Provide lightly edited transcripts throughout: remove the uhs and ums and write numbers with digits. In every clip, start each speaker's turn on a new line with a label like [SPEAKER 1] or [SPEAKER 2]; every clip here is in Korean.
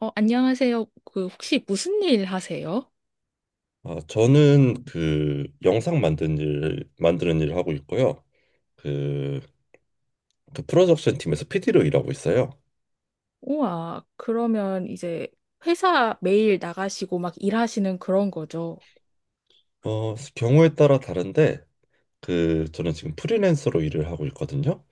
[SPEAKER 1] 어, 안녕하세요. 혹시 무슨 일 하세요?
[SPEAKER 2] 아, 저는 그 영상 만드는 일, 만드는 일을 하고 있고요. 그, 그 프로덕션 팀에서 PD로 일하고 있어요.
[SPEAKER 1] 우와, 그러면 이제 회사 매일 나가시고 막 일하시는 그런 거죠?
[SPEAKER 2] 어, 경우에 따라 다른데 그 저는 지금 프리랜서로 일을 하고 있거든요.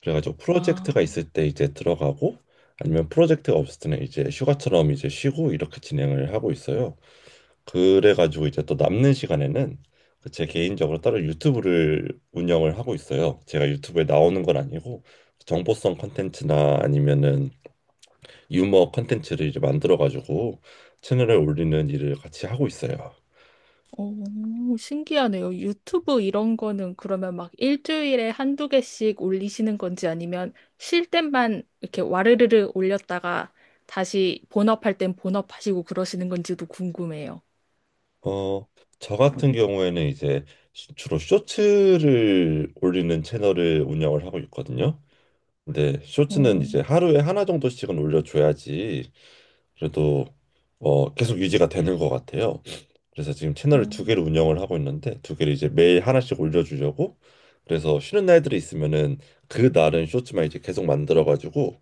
[SPEAKER 2] 그래가지고 프로젝트가
[SPEAKER 1] 아,
[SPEAKER 2] 있을 때 이제 들어가고 아니면 프로젝트가 없을 때는 이제 휴가처럼 이제 쉬고 이렇게 진행을 하고 있어요. 그래가지고 이제 또 남는 시간에는 그제 개인적으로 따로 유튜브를 운영을 하고 있어요. 제가 유튜브에 나오는 건 아니고 정보성 컨텐츠나 아니면은 유머 컨텐츠를 이제 만들어가지고 채널에 올리는 일을 같이 하고 있어요.
[SPEAKER 1] 오, 신기하네요. 유튜브 이런 거는 그러면 막 일주일에 한두 개씩 올리시는 건지 아니면 쉴 땐만 이렇게 와르르르 올렸다가 다시 본업할 땐 본업하시고 그러시는 건지도 궁금해요.
[SPEAKER 2] 어, 저 같은 경우에는 이제 주로 쇼츠를 올리는 채널을 운영을 하고 있거든요. 근데
[SPEAKER 1] 어,
[SPEAKER 2] 쇼츠는 이제 하루에 하나 정도씩은 올려줘야지 그래도 계속 유지가 되는 것 같아요. 그래서 지금 채널을
[SPEAKER 1] 어,
[SPEAKER 2] 두 개를 운영을 하고 있는데 두 개를 이제 매일 하나씩 올려주려고. 그래서 쉬는 날들이 있으면은 그 날은 쇼츠만 이제 계속 만들어 가지고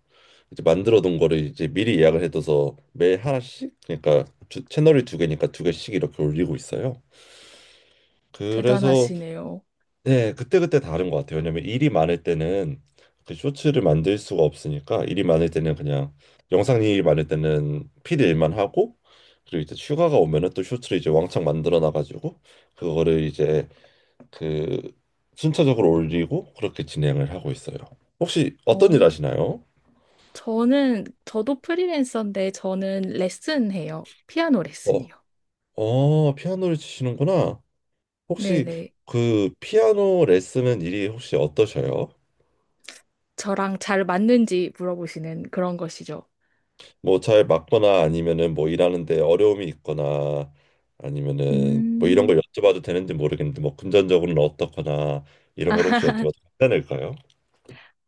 [SPEAKER 2] 이제 만들어 둔 거를 이제 미리 예약을 해둬서 매일 하나씩, 그러니까 채널이 두 개니까 두 개씩 이렇게 올리고 있어요. 그래서
[SPEAKER 1] 대단하시네요.
[SPEAKER 2] 네, 그때그때 다른 것 같아요. 왜냐면 일이 많을 때는 그 쇼츠를 만들 수가 없으니까, 일이 많을 때는 그냥 영상 일이 많을 때는 필 일만 하고, 그리고 이제 휴가가 오면은 또 쇼츠를 이제 왕창 만들어 놔가지고 그거를 이제, 그, 순차적으로 올리고 그렇게 진행을 하고 있어요. 혹시 어떤 일
[SPEAKER 1] 어,
[SPEAKER 2] 하시나요?
[SPEAKER 1] 저도 프리랜서인데 저는 레슨해요. 피아노
[SPEAKER 2] 어,
[SPEAKER 1] 레슨이요.
[SPEAKER 2] 어, 피아노를 치시는구나. 혹시
[SPEAKER 1] 네네.
[SPEAKER 2] 그 피아노 레슨은 일이 혹시 어떠셔요?
[SPEAKER 1] 저랑 잘 맞는지 물어보시는 그런 것이죠.
[SPEAKER 2] 뭐 잘 맞거나 아니면은 뭐 일하는데 어려움이 있거나 아니면은 뭐 이런
[SPEAKER 1] 음,
[SPEAKER 2] 걸 여쭤봐도 되는지 모르겠는데, 뭐 금전적으로는 어떻거나 이런 걸 혹시 여쭤봐도 괜찮을까요?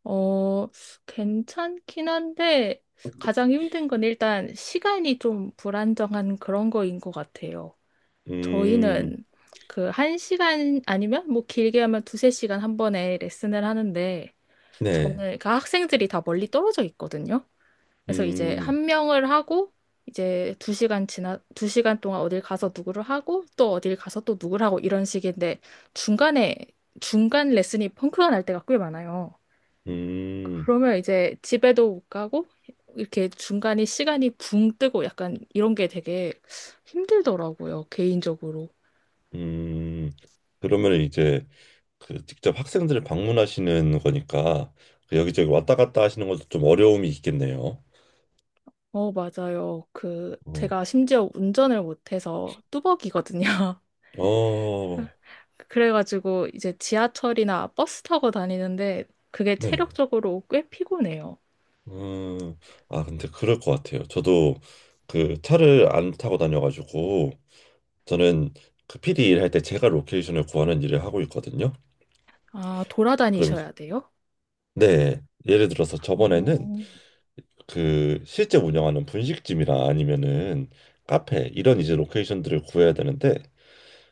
[SPEAKER 1] 어, 괜찮긴 한데 가장 힘든 건 일단 시간이 좀 불안정한 그런 거인 것 같아요.
[SPEAKER 2] 음,
[SPEAKER 1] 저희는 그 1시간 아니면 뭐 길게 하면 두세 시간 한 번에 레슨을 하는데
[SPEAKER 2] 네.
[SPEAKER 1] 저는 그 학생들이 다 멀리 떨어져 있거든요. 그래서 이제
[SPEAKER 2] 음,
[SPEAKER 1] 한 명을 하고 이제 2시간 지나 2시간 동안 어딜 가서 누구를 하고 또 어딜 가서 또 누구를 하고 이런 식인데 중간에 중간 레슨이 펑크가 날 때가 꽤 많아요.
[SPEAKER 2] 음,
[SPEAKER 1] 그러면 이제 집에도 못 가고 이렇게 중간에 시간이 붕 뜨고 약간 이런 게 되게 힘들더라고요, 개인적으로.
[SPEAKER 2] 음. 그러면 이제 그 직접 학생들을 방문하시는 거니까 그 여기저기 왔다 갔다 하시는 것도 좀 어려움이 있겠네요.
[SPEAKER 1] 어, 맞아요.
[SPEAKER 2] 어,
[SPEAKER 1] 제가 심지어 운전을 못해서 뚜벅이거든요.
[SPEAKER 2] 어,
[SPEAKER 1] 그래가지고 이제 지하철이나 버스 타고 다니는데 그게
[SPEAKER 2] 네.
[SPEAKER 1] 체력적으로 꽤 피곤해요.
[SPEAKER 2] 음, 아, 근데 그럴 것 같아요. 저도 그 차를 안 타고 다녀가지고, 저는 그 피디 일할 때 제가 로케이션을 구하는 일을 하고 있거든요.
[SPEAKER 1] 아,
[SPEAKER 2] 그럼,
[SPEAKER 1] 돌아다니셔야 돼요?
[SPEAKER 2] 네. 예를 들어서 저번에는
[SPEAKER 1] 어,
[SPEAKER 2] 그 실제 운영하는 분식집이나 아니면은 카페, 이런 이제 로케이션들을 구해야 되는데,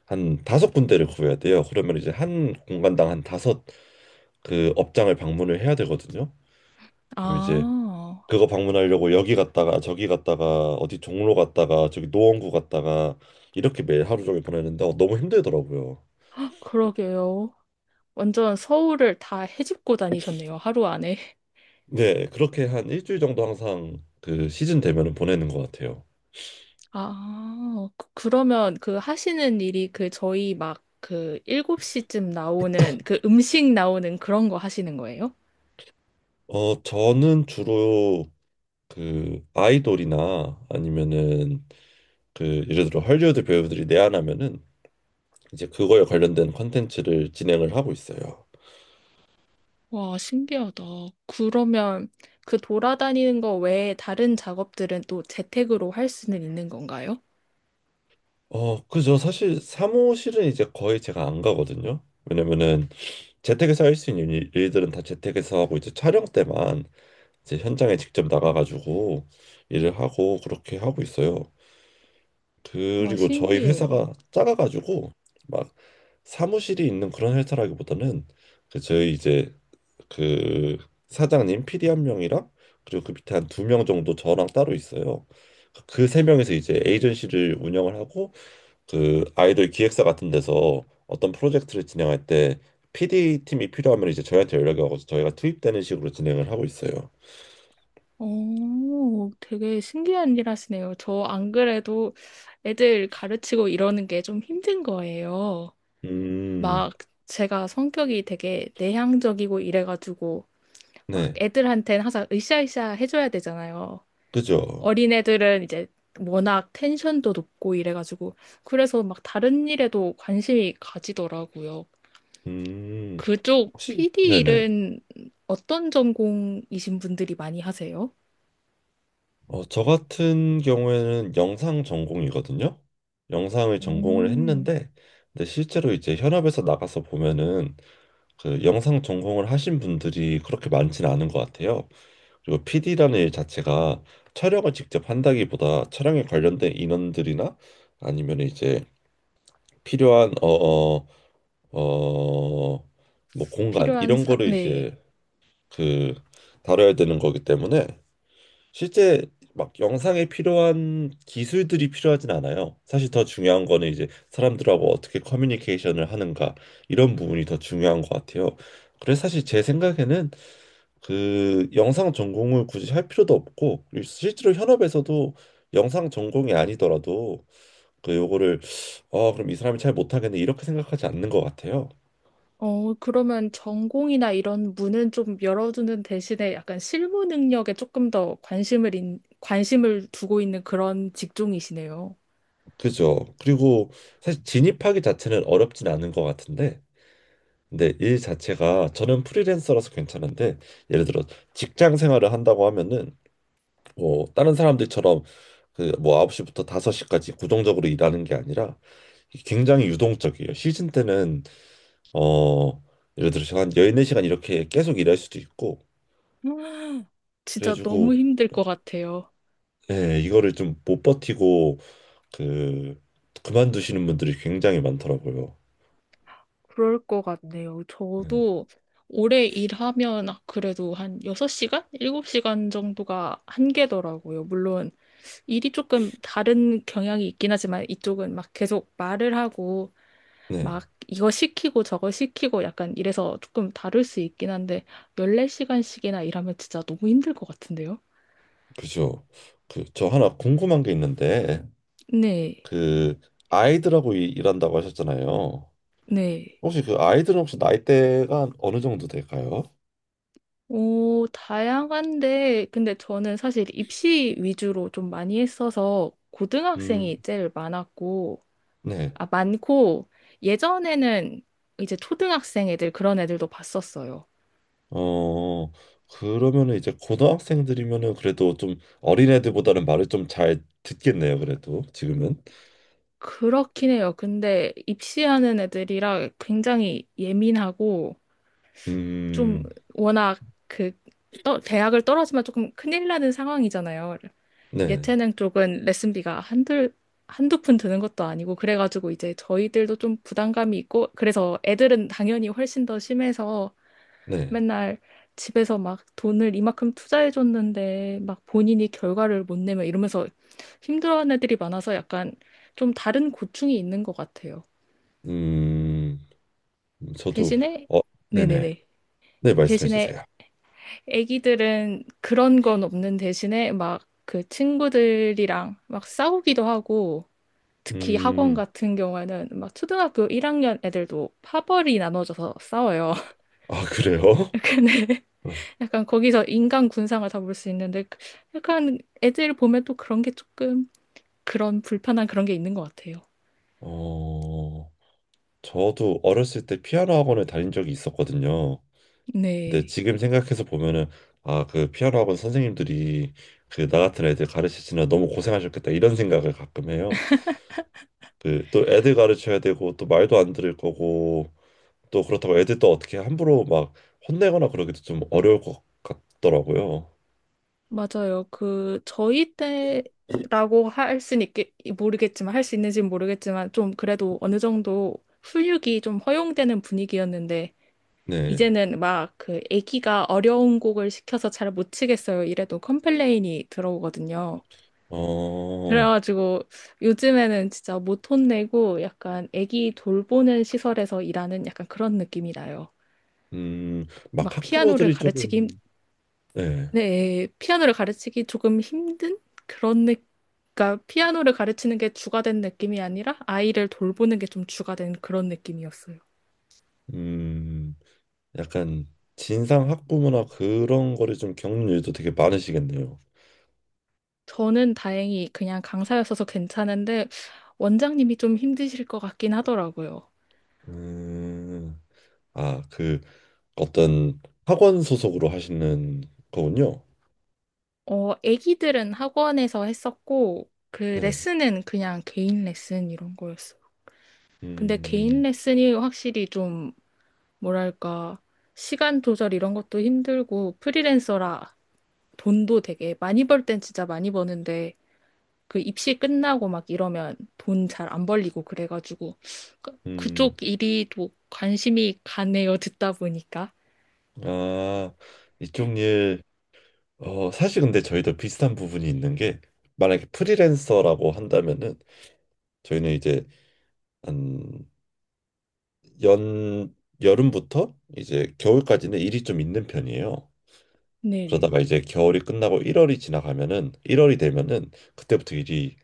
[SPEAKER 2] 한 다섯 군데를 구해야 돼요. 그러면 이제 한 공간당 한 다섯 그 업장을 방문을 해야 되거든요. 그럼 이제
[SPEAKER 1] 아,
[SPEAKER 2] 그거 방문하려고 여기 갔다가 저기 갔다가 어디 종로 갔다가 저기 노원구 갔다가 이렇게 매일 하루 종일 보내는데 너무 힘들더라고요.
[SPEAKER 1] 그러게요. 완전 서울을 다 헤집고 다니셨네요, 하루 안에.
[SPEAKER 2] 네, 그렇게 한 일주일 정도 항상 그 시즌 되면은 보내는 것 같아요.
[SPEAKER 1] 아, 그러면 그 하시는 일이 그 저희 막 그 7시쯤 나오는 그 음식 나오는 그런 거 하시는 거예요?
[SPEAKER 2] 어, 저는 주로 그 아이돌이나 아니면은 그 예를 들어 헐리우드 배우들이 내한하면은 이제 그거에 관련된 컨텐츠를 진행을 하고 있어요.
[SPEAKER 1] 와, 신기하다. 그러면 그 돌아다니는 거 외에 다른 작업들은 또 재택으로 할 수는 있는 건가요?
[SPEAKER 2] 어, 그죠. 사실 사무실은 이제 거의 제가 안 가거든요. 왜냐면은 재택에서 할 수 있는 일들은 다 재택에서 하고 이제 촬영 때만 이제 현장에 직접 나가가지고 일을 하고 그렇게 하고 있어요.
[SPEAKER 1] 와,
[SPEAKER 2] 그리고 저희
[SPEAKER 1] 신기해요.
[SPEAKER 2] 회사가 작아가지고 막 사무실이 있는 그런 회사라기보다는 그 저희 이제, 그, 사장님 PD 한 명이랑 그리고 그 밑에 한 두 명 정도 저랑 따로 있어요. 그 세 명에서 이제 에이전시를 운영을 하고, 그 아이돌 기획사 같은 데서 어떤 프로젝트를 진행할 때 PD 팀이 필요하면 이제 저희한테 연락이 와서 저희가 투입되는 식으로 진행을 하고 있어요.
[SPEAKER 1] 오, 되게 신기한 일 하시네요. 저 안 그래도 애들 가르치고 이러는 게 좀 힘든 거예요.
[SPEAKER 2] 음,
[SPEAKER 1] 막 제가 성격이 되게 내향적이고 이래가지고 막
[SPEAKER 2] 네,
[SPEAKER 1] 애들한테는 항상 으쌰으쌰 해줘야 되잖아요.
[SPEAKER 2] 그죠.
[SPEAKER 1] 어린애들은 이제 워낙 텐션도 높고 이래가지고 그래서 막 다른 일에도 관심이 가지더라고요.
[SPEAKER 2] 음,
[SPEAKER 1] 그쪽
[SPEAKER 2] 혹시,
[SPEAKER 1] PD
[SPEAKER 2] 네네.
[SPEAKER 1] 일은 어떤 전공이신 분들이 많이 하세요?
[SPEAKER 2] 어, 저 같은 경우에는 영상 전공이거든요. 영상을 전공을
[SPEAKER 1] 음,
[SPEAKER 2] 했는데, 근데 실제로 이제 현업에서 나가서 보면은 그 영상 전공을 하신 분들이 그렇게 많지는 않은 것 같아요. 그리고 PD라는 일 자체가 촬영을 직접 한다기보다 촬영에 관련된 인원들이나 아니면 이제 필요한 어 뭐 공간 이런 거를
[SPEAKER 1] 네.
[SPEAKER 2] 이제 그 다뤄야 되는 거기 때문에 실제 막 영상에 필요한 기술들이 필요하진 않아요. 사실 더 중요한 거는 이제 사람들하고 어떻게 커뮤니케이션을 하는가, 이런 부분이 더 중요한 것 같아요. 그래서 사실 제 생각에는 그 영상 전공을 굳이 할 필요도 없고 그리고 실제로 현업에서도 영상 전공이 아니더라도 그 요거를, 아 그럼 이 사람이 잘 못하겠네, 이렇게 생각하지 않는 것 같아요.
[SPEAKER 1] 어, 그러면 전공이나 이런 문은 좀 열어두는 대신에 약간 실무 능력에 조금 더 관심을 두고 있는 그런 직종이시네요.
[SPEAKER 2] 그죠? 그리고 사실 진입하기 자체는 어렵진 않은 것 같은데 근데 일 자체가 저는 프리랜서라서 괜찮은데 예를 들어 직장 생활을 한다고 하면은 뭐 다른 사람들처럼 그뭐 9시부터 5시까지 고정적으로 일하는 게 아니라 굉장히 유동적이에요. 시즌 때는 어, 예를 들어서 한 14시간 이렇게 계속 일할 수도 있고,
[SPEAKER 1] 음. 진짜 너무
[SPEAKER 2] 그래가지고,
[SPEAKER 1] 힘들 것 같아요.
[SPEAKER 2] 예, 이거를 좀 못 버티고, 그, 그만두시는 분들이 굉장히 많더라고요.
[SPEAKER 1] 그럴 것 같네요.
[SPEAKER 2] 예.
[SPEAKER 1] 저도 오래 일하면 아, 그래도 한 6시간? 7시간 정도가 한계더라고요. 물론 일이 조금 다른 경향이 있긴 하지만 이쪽은 막 계속 말을 하고
[SPEAKER 2] 네,
[SPEAKER 1] 막 이거 시키고 저거 시키고 약간 이래서 조금 다를 수 있긴 한데 14시간씩이나 일하면 진짜 너무 힘들 것 같은데요?
[SPEAKER 2] 그죠. 그, 저 하나 궁금한 게 있는데,
[SPEAKER 1] 네,
[SPEAKER 2] 그, 아이들하고 일한다고 하셨잖아요.
[SPEAKER 1] 네.
[SPEAKER 2] 혹시 그 아이들은 혹시 나이대가 어느 정도 될까요?
[SPEAKER 1] 오, 다양한데, 근데 저는 사실 입시 위주로 좀 많이 했어서
[SPEAKER 2] 음,
[SPEAKER 1] 고등학생이 제일 많았고,
[SPEAKER 2] 네.
[SPEAKER 1] 아, 많고, 예전에는 이제 초등학생 애들 그런 애들도 봤었어요.
[SPEAKER 2] 어, 그러면은 이제 고등학생들이면은 그래도 좀 어린애들보다는 말을 좀 잘 듣겠네요, 그래도 지금은.
[SPEAKER 1] 그렇긴 해요. 근데 입시하는 애들이라 굉장히 예민하고, 좀
[SPEAKER 2] 음,
[SPEAKER 1] 워낙 그, 대학을 떨어지면 조금 큰일 나는 상황이잖아요.
[SPEAKER 2] 네,
[SPEAKER 1] 예체능 쪽은 레슨비가 한두 푼 드는 것도 아니고, 그래가지고 이제 저희들도 좀 부담감이 있고, 그래서 애들은 당연히 훨씬 더 심해서
[SPEAKER 2] 네.
[SPEAKER 1] 맨날 집에서 막 돈을 이만큼 투자해줬는데, 막 본인이 결과를 못 내면 이러면서 힘들어하는 애들이 많아서 약간 좀 다른 고충이 있는 것 같아요.
[SPEAKER 2] 음, 저도,
[SPEAKER 1] 대신에,
[SPEAKER 2] 어, 네네.
[SPEAKER 1] 네네네.
[SPEAKER 2] 네, 말씀해
[SPEAKER 1] 대신에
[SPEAKER 2] 주세요.
[SPEAKER 1] 애기들은 그런 건 없는 대신에 막 그 친구들이랑 막 싸우기도 하고, 특히 학원
[SPEAKER 2] 음,
[SPEAKER 1] 같은 경우에는 막 초등학교 1학년 애들도 파벌이 나눠져서 싸워요.
[SPEAKER 2] 아, 그래요?
[SPEAKER 1] 근데
[SPEAKER 2] 네.
[SPEAKER 1] 약간 거기서 인간 군상을 다 볼 수 있는데 약간 애들 보면 또 그런 게 조금 그런 불편한 그런 게 있는 것 같아요.
[SPEAKER 2] 어, 저도 어렸을 때 피아노 학원을 다닌 적이 있었거든요. 근데
[SPEAKER 1] 네.
[SPEAKER 2] 지금 생각해서 보면은, 아, 그 피아노 학원 선생님들이 그 나 같은 애들 가르치시느라 너무 고생하셨겠다, 이런 생각을 가끔 해요. 그 또 애들 가르쳐야 되고 또 말도 안 들을 거고 또 그렇다고 애들 또 어떻게 함부로 막 혼내거나 그러기도 좀 어려울 것 같더라고요.
[SPEAKER 1] 맞아요. 그 저희 때라고 할 수 있는지는 모르겠지만 좀 그래도 어느 정도 훈육이 좀 허용되는 분위기였는데
[SPEAKER 2] 네.
[SPEAKER 1] 이제는 막 그 애기가 어려운 곡을 시켜서 잘 못 치겠어요. 이래도 컴플레인이 들어오거든요.
[SPEAKER 2] 어,
[SPEAKER 1] 그래가지고 요즘에는 진짜 못 혼내고 약간 애기 돌보는 시설에서 일하는 약간 그런 느낌이 나요.
[SPEAKER 2] 음, 막
[SPEAKER 1] 막 피아노를
[SPEAKER 2] 학부모들이
[SPEAKER 1] 가르치기, 힘-
[SPEAKER 2] 조금, 네,
[SPEAKER 1] 네, 피아노를 가르치기 조금 힘든 그런 느, 그러니까 피아노를 가르치는 게 주가 된 느낌이 아니라 아이를 돌보는 게 좀 주가 된 그런 느낌이었어요.
[SPEAKER 2] 음, 약간 진상 학부모나 그런 거를 좀 겪는 일도 되게 많으시겠네요.
[SPEAKER 1] 저는 다행히 그냥 강사였어서 괜찮은데 원장님이 좀 힘드실 것 같긴 하더라고요.
[SPEAKER 2] 음, 아, 그 어떤 학원 소속으로 하시는 거군요.
[SPEAKER 1] 어, 애기들은 학원에서 했었고 그
[SPEAKER 2] 네.
[SPEAKER 1] 레슨은 그냥 개인 레슨 이런 거였어요. 근데 개인
[SPEAKER 2] 음,
[SPEAKER 1] 레슨이 확실히 좀 뭐랄까 시간 조절 이런 것도 힘들고 프리랜서라 돈도 되게 많이 벌 땐 진짜 많이 버는데 그 입시 끝나고 막 이러면 돈 잘 안 벌리고 그래가지고
[SPEAKER 2] 음.
[SPEAKER 1] 그쪽 일이 또 관심이 가네요. 듣다 보니까.
[SPEAKER 2] 아, 이쪽 일, 어, 사실 근데 저희도 비슷한 부분이 있는 게, 만약에 프리랜서라고 한다면은, 저희는 이제, 한, 연, 여름부터 이제 겨울까지는 일이 좀 있는 편이에요.
[SPEAKER 1] 네네.
[SPEAKER 2] 그러다가 이제 겨울이 끝나고 1월이 지나가면은, 1월이 되면은, 그때부터 일이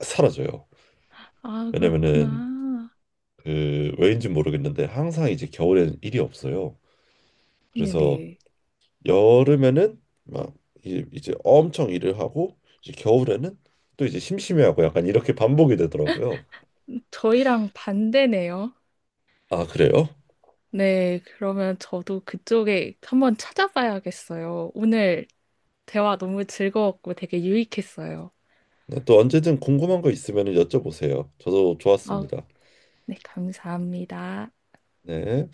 [SPEAKER 2] 사라져요.
[SPEAKER 1] 아,
[SPEAKER 2] 왜냐면은,
[SPEAKER 1] 그렇구나.
[SPEAKER 2] 그, 왜인지 모르겠는데, 항상 이제 겨울엔 일이 없어요. 그래서
[SPEAKER 1] 네네.
[SPEAKER 2] 여름에는 막 이제, 이제 엄청 일을 하고 이제 겨울에는 또 이제 심심해하고 약간 이렇게 반복이 되더라고요.
[SPEAKER 1] 저희랑 반대네요.
[SPEAKER 2] 아, 그래요?
[SPEAKER 1] 네, 그러면 저도 그쪽에 한번 찾아봐야겠어요. 오늘 대화 너무 즐거웠고 되게 유익했어요.
[SPEAKER 2] 네, 또 언제든 궁금한 거 있으면 여쭤보세요. 저도
[SPEAKER 1] 아,
[SPEAKER 2] 좋았습니다.
[SPEAKER 1] 네, 감사합니다.
[SPEAKER 2] 네.